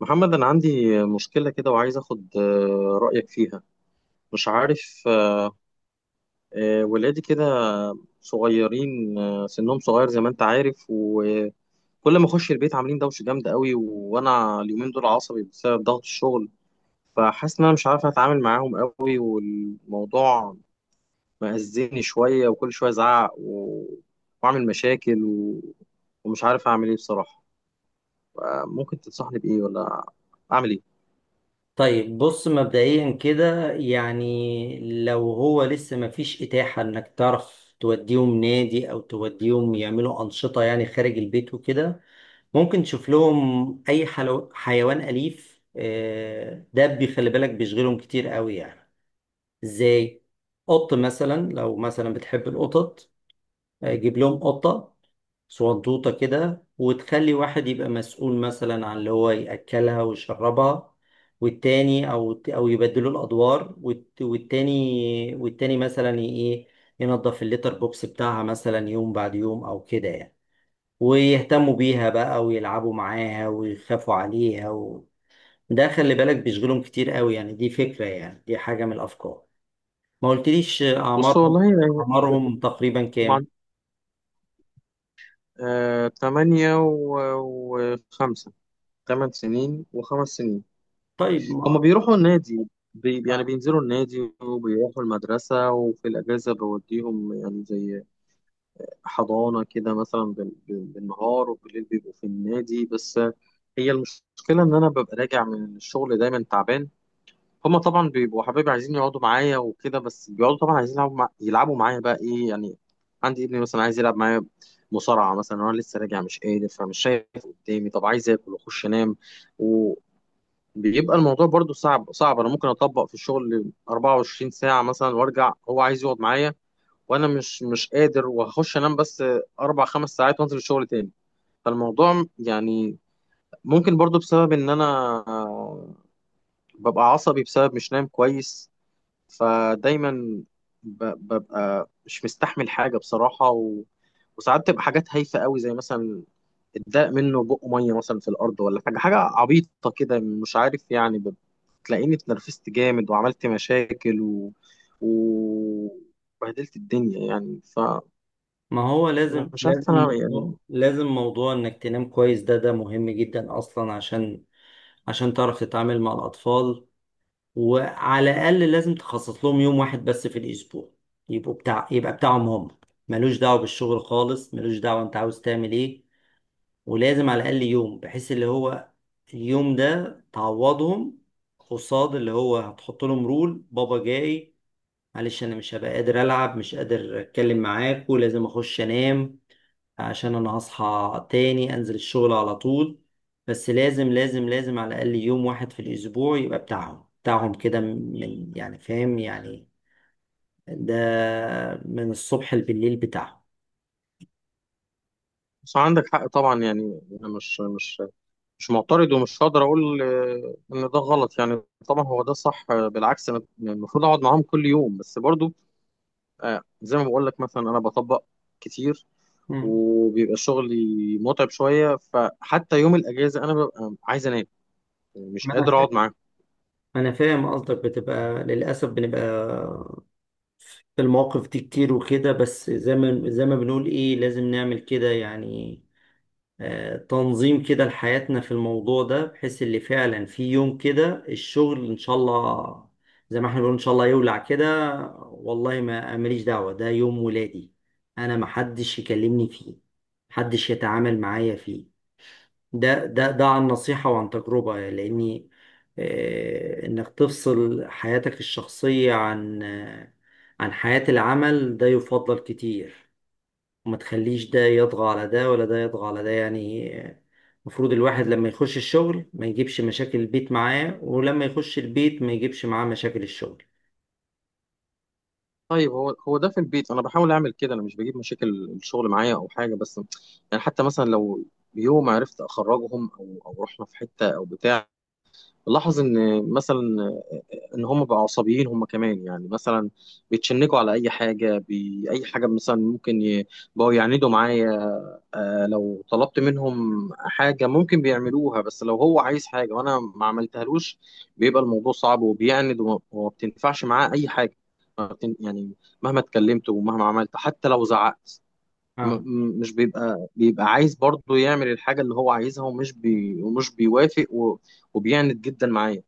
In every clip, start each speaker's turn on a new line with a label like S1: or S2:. S1: محمد، أنا عندي مشكلة كده وعايز أخد رأيك فيها. مش عارف. ولادي كده صغيرين، سنهم صغير زي ما أنت عارف، وكل ما أخش البيت عاملين دوشة جامدة قوي، وأنا اليومين دول عصبي بسبب ضغط الشغل. فحاسس إن أنا مش عارف أتعامل معاهم قوي، والموضوع مأذيني شوية، وكل شوية أزعق وأعمل مشاكل ومش عارف أعمل إيه بصراحة. ممكن تنصحني بإيه، ولا أعمل إيه؟
S2: طيب، بص مبدئيا كده يعني لو هو لسه مفيش إتاحة إنك تعرف توديهم نادي أو توديهم يعملوا أنشطة يعني خارج البيت وكده، ممكن تشوف لهم حيوان أليف. دبي خلي بالك بيشغلهم كتير قوي يعني. إزاي؟ قط مثلا، لو مثلا بتحب القطط، جيب لهم قطة صندوطة كده، وتخلي واحد يبقى مسؤول مثلا عن اللي هو يأكلها ويشربها، والتاني أو يبدلوا الأدوار، والتاني مثلا إيه، ينظف الليتر بوكس بتاعها مثلا يوم بعد يوم أو كده يعني، ويهتموا بيها بقى، ويلعبوا معاها، ويخافوا عليها. ده خلي بالك بيشغلهم كتير قوي يعني، دي فكرة، يعني دي حاجة من الأفكار. ما قلتليش
S1: بص
S2: أعمارهم.
S1: والله يعني
S2: أعمارهم تقريبا كام؟
S1: 8 وخمسة، 8 سنين وخمس سنين.
S2: طيب.
S1: هما
S2: ما
S1: بيروحوا النادي، يعني بينزلوا النادي وبيروحوا المدرسة، وفي الأجازة بوديهم يعني زي حضانة كده، مثلا بالنهار، وبالليل بيبقوا في النادي. بس هي المشكلة إن أنا ببقى راجع من الشغل دايما تعبان. هما طبعا بيبقوا حبايبي، عايزين يقعدوا معايا وكده، بس بيقعدوا طبعا عايزين يلعبوا معايا بقى، ايه يعني. عندي ابني مثلا عايز يلعب معايا مصارعة مثلا، وانا لسه راجع مش قادر، فمش شايف قدامي، طب عايز اكل واخش انام. وبيبقى الموضوع برضو صعب، انا ممكن اطبق في الشغل 24 ساعة مثلا، وارجع هو عايز يقعد معايا، وانا مش قادر، وهخش انام بس 4 5 ساعات، وانزل الشغل تاني. فالموضوع يعني ممكن برضو بسبب ان انا آه، ببقى عصبي بسبب مش نايم كويس، فدايما ب- ببقى مش مستحمل حاجة بصراحة وساعات تبقى حاجات هايفة قوي، زي مثلا اتضاق منه بق مية مثلا في الأرض، ولا حاجة عبيطة كده، مش عارف يعني تلاقيني اتنرفزت جامد، وعملت مشاكل و- وبهدلت الدنيا يعني.
S2: ما هو لازم
S1: فمش عارف
S2: لازم
S1: أنا يعني.
S2: موضوع لازم موضوع انك تنام كويس، ده مهم جدا اصلا، عشان تعرف تتعامل مع الاطفال. وعلى الاقل لازم تخصص لهم يوم واحد بس في الاسبوع، يبقوا بتاع يبقى بتاعهم هم، ملوش دعوه بالشغل خالص، ملوش دعوه انت عاوز تعمل ايه. ولازم على الاقل يوم، بحيث اللي هو اليوم ده تعوضهم، قصاد اللي هو هتحط لهم رول: بابا جاي، معلش انا مش هبقى قادر العب، مش قادر اتكلم معاك، ولازم اخش انام عشان انا هصحى تاني انزل الشغل على طول. بس لازم على الاقل يوم واحد في الاسبوع يبقى بتاعهم كده، من يعني، فاهم يعني؟ ده من الصبح بالليل بتاعهم.
S1: بس عندك حق طبعا، يعني أنا مش معترض، ومش هقدر أقول إن ده غلط يعني. طبعا هو ده صح، بالعكس، أنا يعني المفروض أقعد معاهم كل يوم، بس برضو زي ما بقول لك، مثلا انا بطبق كتير
S2: مم.
S1: وبيبقى شغلي متعب شويه، فحتى يوم الاجازه انا ببقى عايز انام، يعني مش قادر
S2: منك،
S1: اقعد معاهم.
S2: انا فاهم قصدك. بتبقى للاسف بنبقى في المواقف دي كتير وكده، بس زي ما بنقول ايه، لازم نعمل كده يعني. تنظيم كده لحياتنا في الموضوع ده، بحيث اللي فعلا في يوم كده الشغل ان شاء الله، زي ما احنا بنقول ان شاء الله يولع كده، والله ما ماليش دعوة، ده يوم ولادي، انا محدش يكلمني فيه، محدش يتعامل معايا فيه. ده عن نصيحة وعن تجربة، لاني انك تفصل حياتك الشخصية عن عن حياة العمل، ده يفضل كتير، وما تخليش ده يطغى على ده، ولا ده يطغى على ده يعني. المفروض الواحد لما يخش الشغل ما يجيبش مشاكل البيت معاه، ولما يخش البيت ما يجيبش معاه مشاكل الشغل.
S1: طيب هو ده في البيت انا بحاول اعمل كده، انا مش بجيب مشاكل الشغل معايا او حاجه، بس يعني حتى مثلا لو يوم عرفت اخرجهم او رحنا في حته او بتاع، لاحظ ان مثلا ان هم بقوا عصبيين، هم كمان يعني مثلا بيتشنجوا على اي حاجه، اي حاجه مثلا بقوا يعندوا معايا. آه لو طلبت منهم حاجه ممكن بيعملوها، بس لو هو عايز حاجه وانا ما عملتهالوش، بيبقى الموضوع صعب، وبيعند وما بتنفعش معاه اي حاجه. ما بتن... يعني مهما اتكلمت ومهما عملت حتى لو زعقت، م-
S2: اه.
S1: مش بيبقى عايز برضه يعمل الحاجة اللي هو عايزها، ومش بيوافق وبيعند جدا معايا.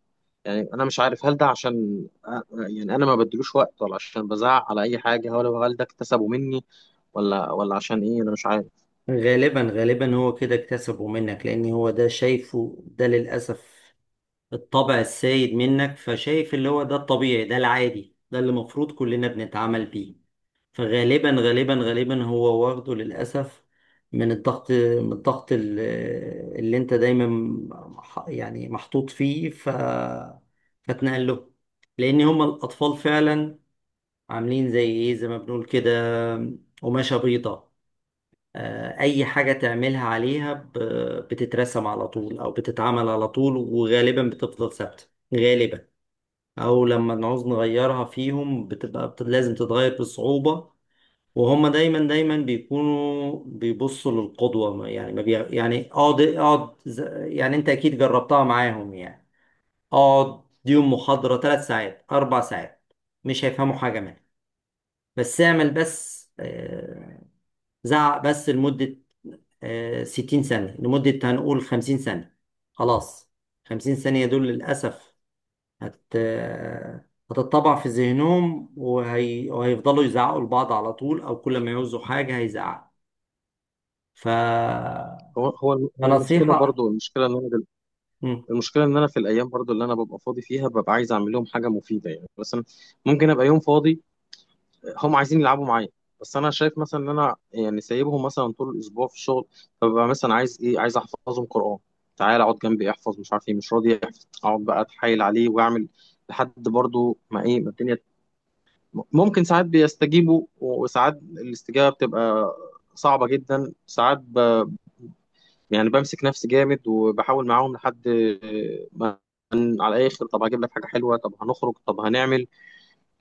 S1: يعني أنا مش عارف، هل ده عشان يعني أنا ما بدلوش وقت، ولا عشان بزعق على أي حاجة، ولا هل ده اكتسبه مني، ولا عشان إيه، أنا مش عارف.
S2: غالبا غالبا هو كده اكتسبه منك، لان هو ده شايفه ده للأسف الطبع السائد منك، فشايف اللي هو ده الطبيعي، ده العادي، ده اللي المفروض كلنا بنتعامل بيه. فغالبا غالبا غالبا هو واخده للأسف من الضغط، اللي انت دايما يعني محطوط فيه، فتنقل له، لأن هما الأطفال فعلا عاملين زي ايه، زي ما بنقول كده، قماشة بيضة. أي حاجة تعملها عليها بتترسم على طول، أو بتتعمل على طول، وغالبا بتفضل ثابتة، غالبا، أو لما نعوز نغيرها فيهم لازم تتغير بصعوبة. وهم دايما دايما بيكونوا بيبصوا للقدوة. يعني ما بي... يعني اقعد اقعد يعني انت اكيد جربتها معاهم يعني. اقعد ديهم محاضرة 3 ساعات، 4 ساعات، مش هيفهموا حاجة منها. بس اعمل بس زعق بس لمدة 60 ثانية، لمدة هنقول 50 ثانية، خلاص. 50 ثانية دول للأسف هت... آه، هتتطبع في ذهنهم، وهيفضلوا يزعقوا لبعض على طول، أو كل ما يعوزوا حاجة هيزعقوا، ف
S1: هو هو الم- هو المشكلة
S2: فنصيحة.
S1: برضه،
S2: مم.
S1: المشكلة إن أنا في الأيام برضه اللي أنا ببقى فاضي فيها، ببقى عايز أعمل لهم حاجة مفيدة، يعني مثلا ممكن أبقى يوم فاضي، هم عايزين يلعبوا معايا، بس انا شايف مثلا ان انا يعني سايبهم مثلا طول الاسبوع في الشغل، فببقى مثلا عايز ايه، عايز احفظهم قران، تعال اقعد جنبي احفظ، مش عارف ايه مش راضي يحفظ، اقعد بقى اتحايل عليه واعمل لحد برضو ما ايه ما الدنيا. ممكن ساعات بيستجيبوا، وساعات الاستجابه بتبقى صعبه جدا، ساعات ب... يعني بمسك نفسي جامد، وبحاول معاهم لحد ما على الاخر، طب هجيب لك حاجه حلوه، طب هنخرج، طب هنعمل.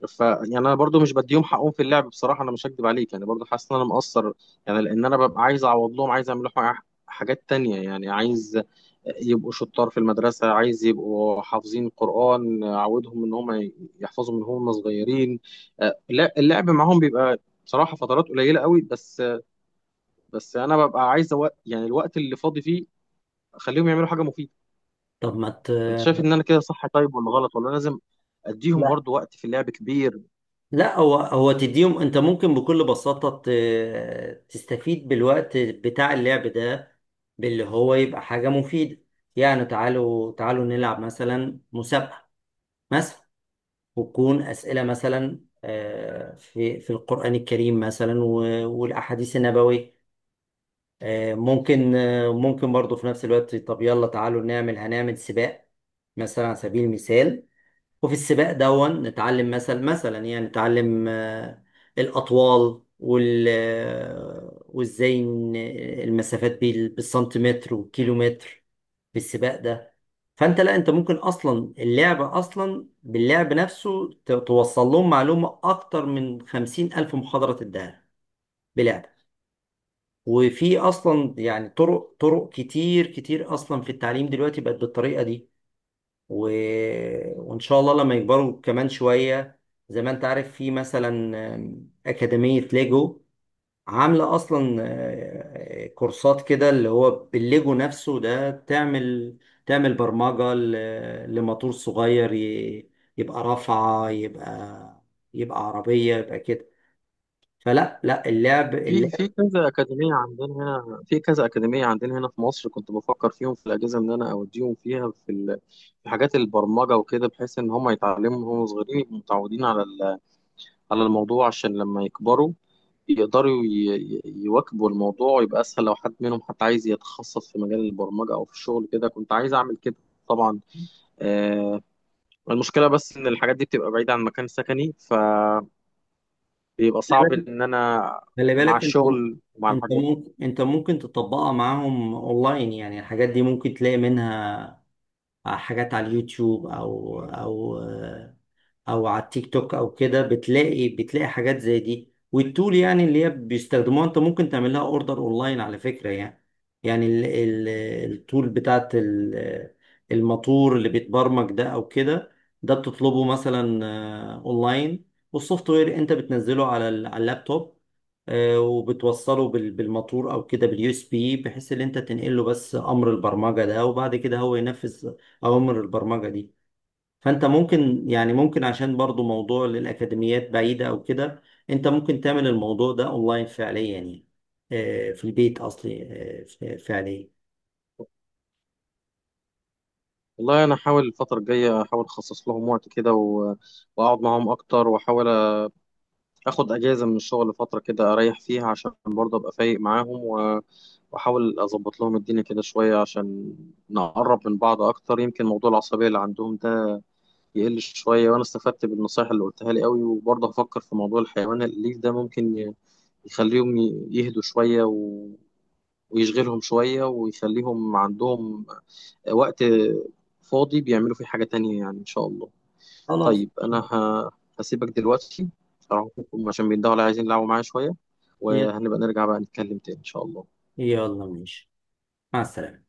S1: ف يعني انا برضو مش بديهم حقهم في اللعب بصراحه، انا مش هكدب عليك، يعني برضو حاسس ان انا مقصر، يعني لان انا ببقى عايز اعوض لهم، عايز اعمل لهم حاجات تانية، يعني عايز يبقوا شطار في المدرسه، عايز يبقوا حافظين القران، اعودهم ان هم يحفظوا من هم صغيرين. لا اللعب معاهم بيبقى بصراحه فترات قليله قوي، بس انا ببقى عايز وقت، يعني الوقت اللي فاضي فيه اخليهم يعملوا حاجه مفيده.
S2: طب ما ت...
S1: انت شايف ان انا كده صح طيب، ولا غلط، ولا لازم اديهم
S2: لا
S1: برضو وقت في اللعب كبير؟
S2: لا، هو تديهم. انت ممكن بكل بساطة تستفيد بالوقت بتاع اللعب ده، باللي هو يبقى حاجة مفيدة. يعني تعالوا تعالوا نلعب مثلا مسابقة، مثلا، وتكون أسئلة مثلا، في القرآن الكريم مثلا، والأحاديث النبوية. ممكن ممكن برضو في نفس الوقت، طب يلا تعالوا هنعمل سباق مثلا، على سبيل المثال. وفي السباق دون نتعلم مثلا، مثلا يعني نتعلم الأطوال، وال آه، وازاي المسافات بالسنتيمتر والكيلومتر، في السباق ده. فانت، لا، انت ممكن اصلا اللعب، اصلا باللعب نفسه توصل لهم معلومة اكتر من 50,000 محاضرة تديها بلعب. وفي اصلا يعني طرق، طرق كتير كتير اصلا في التعليم دلوقتي، بقت بالطريقة دي. و... وإن شاء الله لما يكبروا كمان شوية، زي ما أنت عارف في مثلا أكاديمية ليجو، عاملة أصلا كورسات كده، اللي هو بالليجو نفسه ده تعمل برمجة لموتور صغير يبقى رافعة، يبقى، يبقى عربية، يبقى كده. فلا لا، اللعب
S1: في
S2: اللعب.
S1: كذا أكاديمية عندنا هنا في مصر، كنت بفكر فيهم في الأجازة إن أنا أوديهم فيها في حاجات البرمجة وكده، بحيث إن هم يتعلموا وهم صغيرين يبقوا متعودين على الموضوع، عشان لما يكبروا يقدروا يواكبوا الموضوع، ويبقى أسهل لو حد منهم حتى عايز يتخصص في مجال البرمجة أو في الشغل كده. كنت عايز أعمل كده طبعا. آه، المشكلة بس إن الحاجات دي بتبقى بعيدة عن مكان سكني، فبيبقى صعب إن أنا
S2: خلي
S1: مع
S2: بالك انت.
S1: الشغل ومع
S2: انت
S1: الحاجات.
S2: ممكن تطبقها معاهم اونلاين، يعني الحاجات دي ممكن تلاقي منها حاجات على اليوتيوب، او او او على التيك توك او كده. بتلاقي حاجات زي دي، والتول يعني اللي هي بيستخدموها انت ممكن تعمل لها اوردر اونلاين على فكرة يعني. يعني ال ال التول بتاعت الموتور اللي بيتبرمج ده او كده، ده بتطلبه مثلا اونلاين. والسوفت وير انت بتنزله على على اللابتوب. وبتوصله بالموتور او كده باليو اس بي، بحيث ان انت تنقل له بس امر البرمجة ده، وبعد كده هو ينفذ اوامر البرمجة دي. فانت ممكن، يعني ممكن عشان برضو موضوع للاكاديميات بعيده او كده، انت ممكن تعمل الموضوع ده اونلاين فعليا يعني. في البيت اصلي، فعليا.
S1: والله انا احاول الفتره الجايه احاول اخصص لهم وقت كده واقعد معاهم اكتر، واحاول اخد اجازه من الشغل فتره كده، اريح فيها عشان برضه ابقى فايق معاهم واحاول اظبط لهم الدنيا كده شويه، عشان نقرب من بعض اكتر، يمكن موضوع العصبيه اللي عندهم ده يقل شويه، وانا استفدت بالنصايح اللي قلتها لي قوي. وبرضه هفكر في موضوع الحيوان الاليف ده، ممكن يخليهم يهدوا شويه ويشغلهم شوية، ويخليهم عندهم وقت فاضي بيعملوا فيه حاجة تانية يعني إن شاء الله.
S2: خلاص.
S1: طيب أنا هسيبك دلوقتي، أروح أشوفهم عشان بيندهوا على عايزين يلعبوا معايا شوية، وهنبقى نرجع بقى نتكلم تاني إن شاء الله.
S2: يلا ماشي. مع السلامه.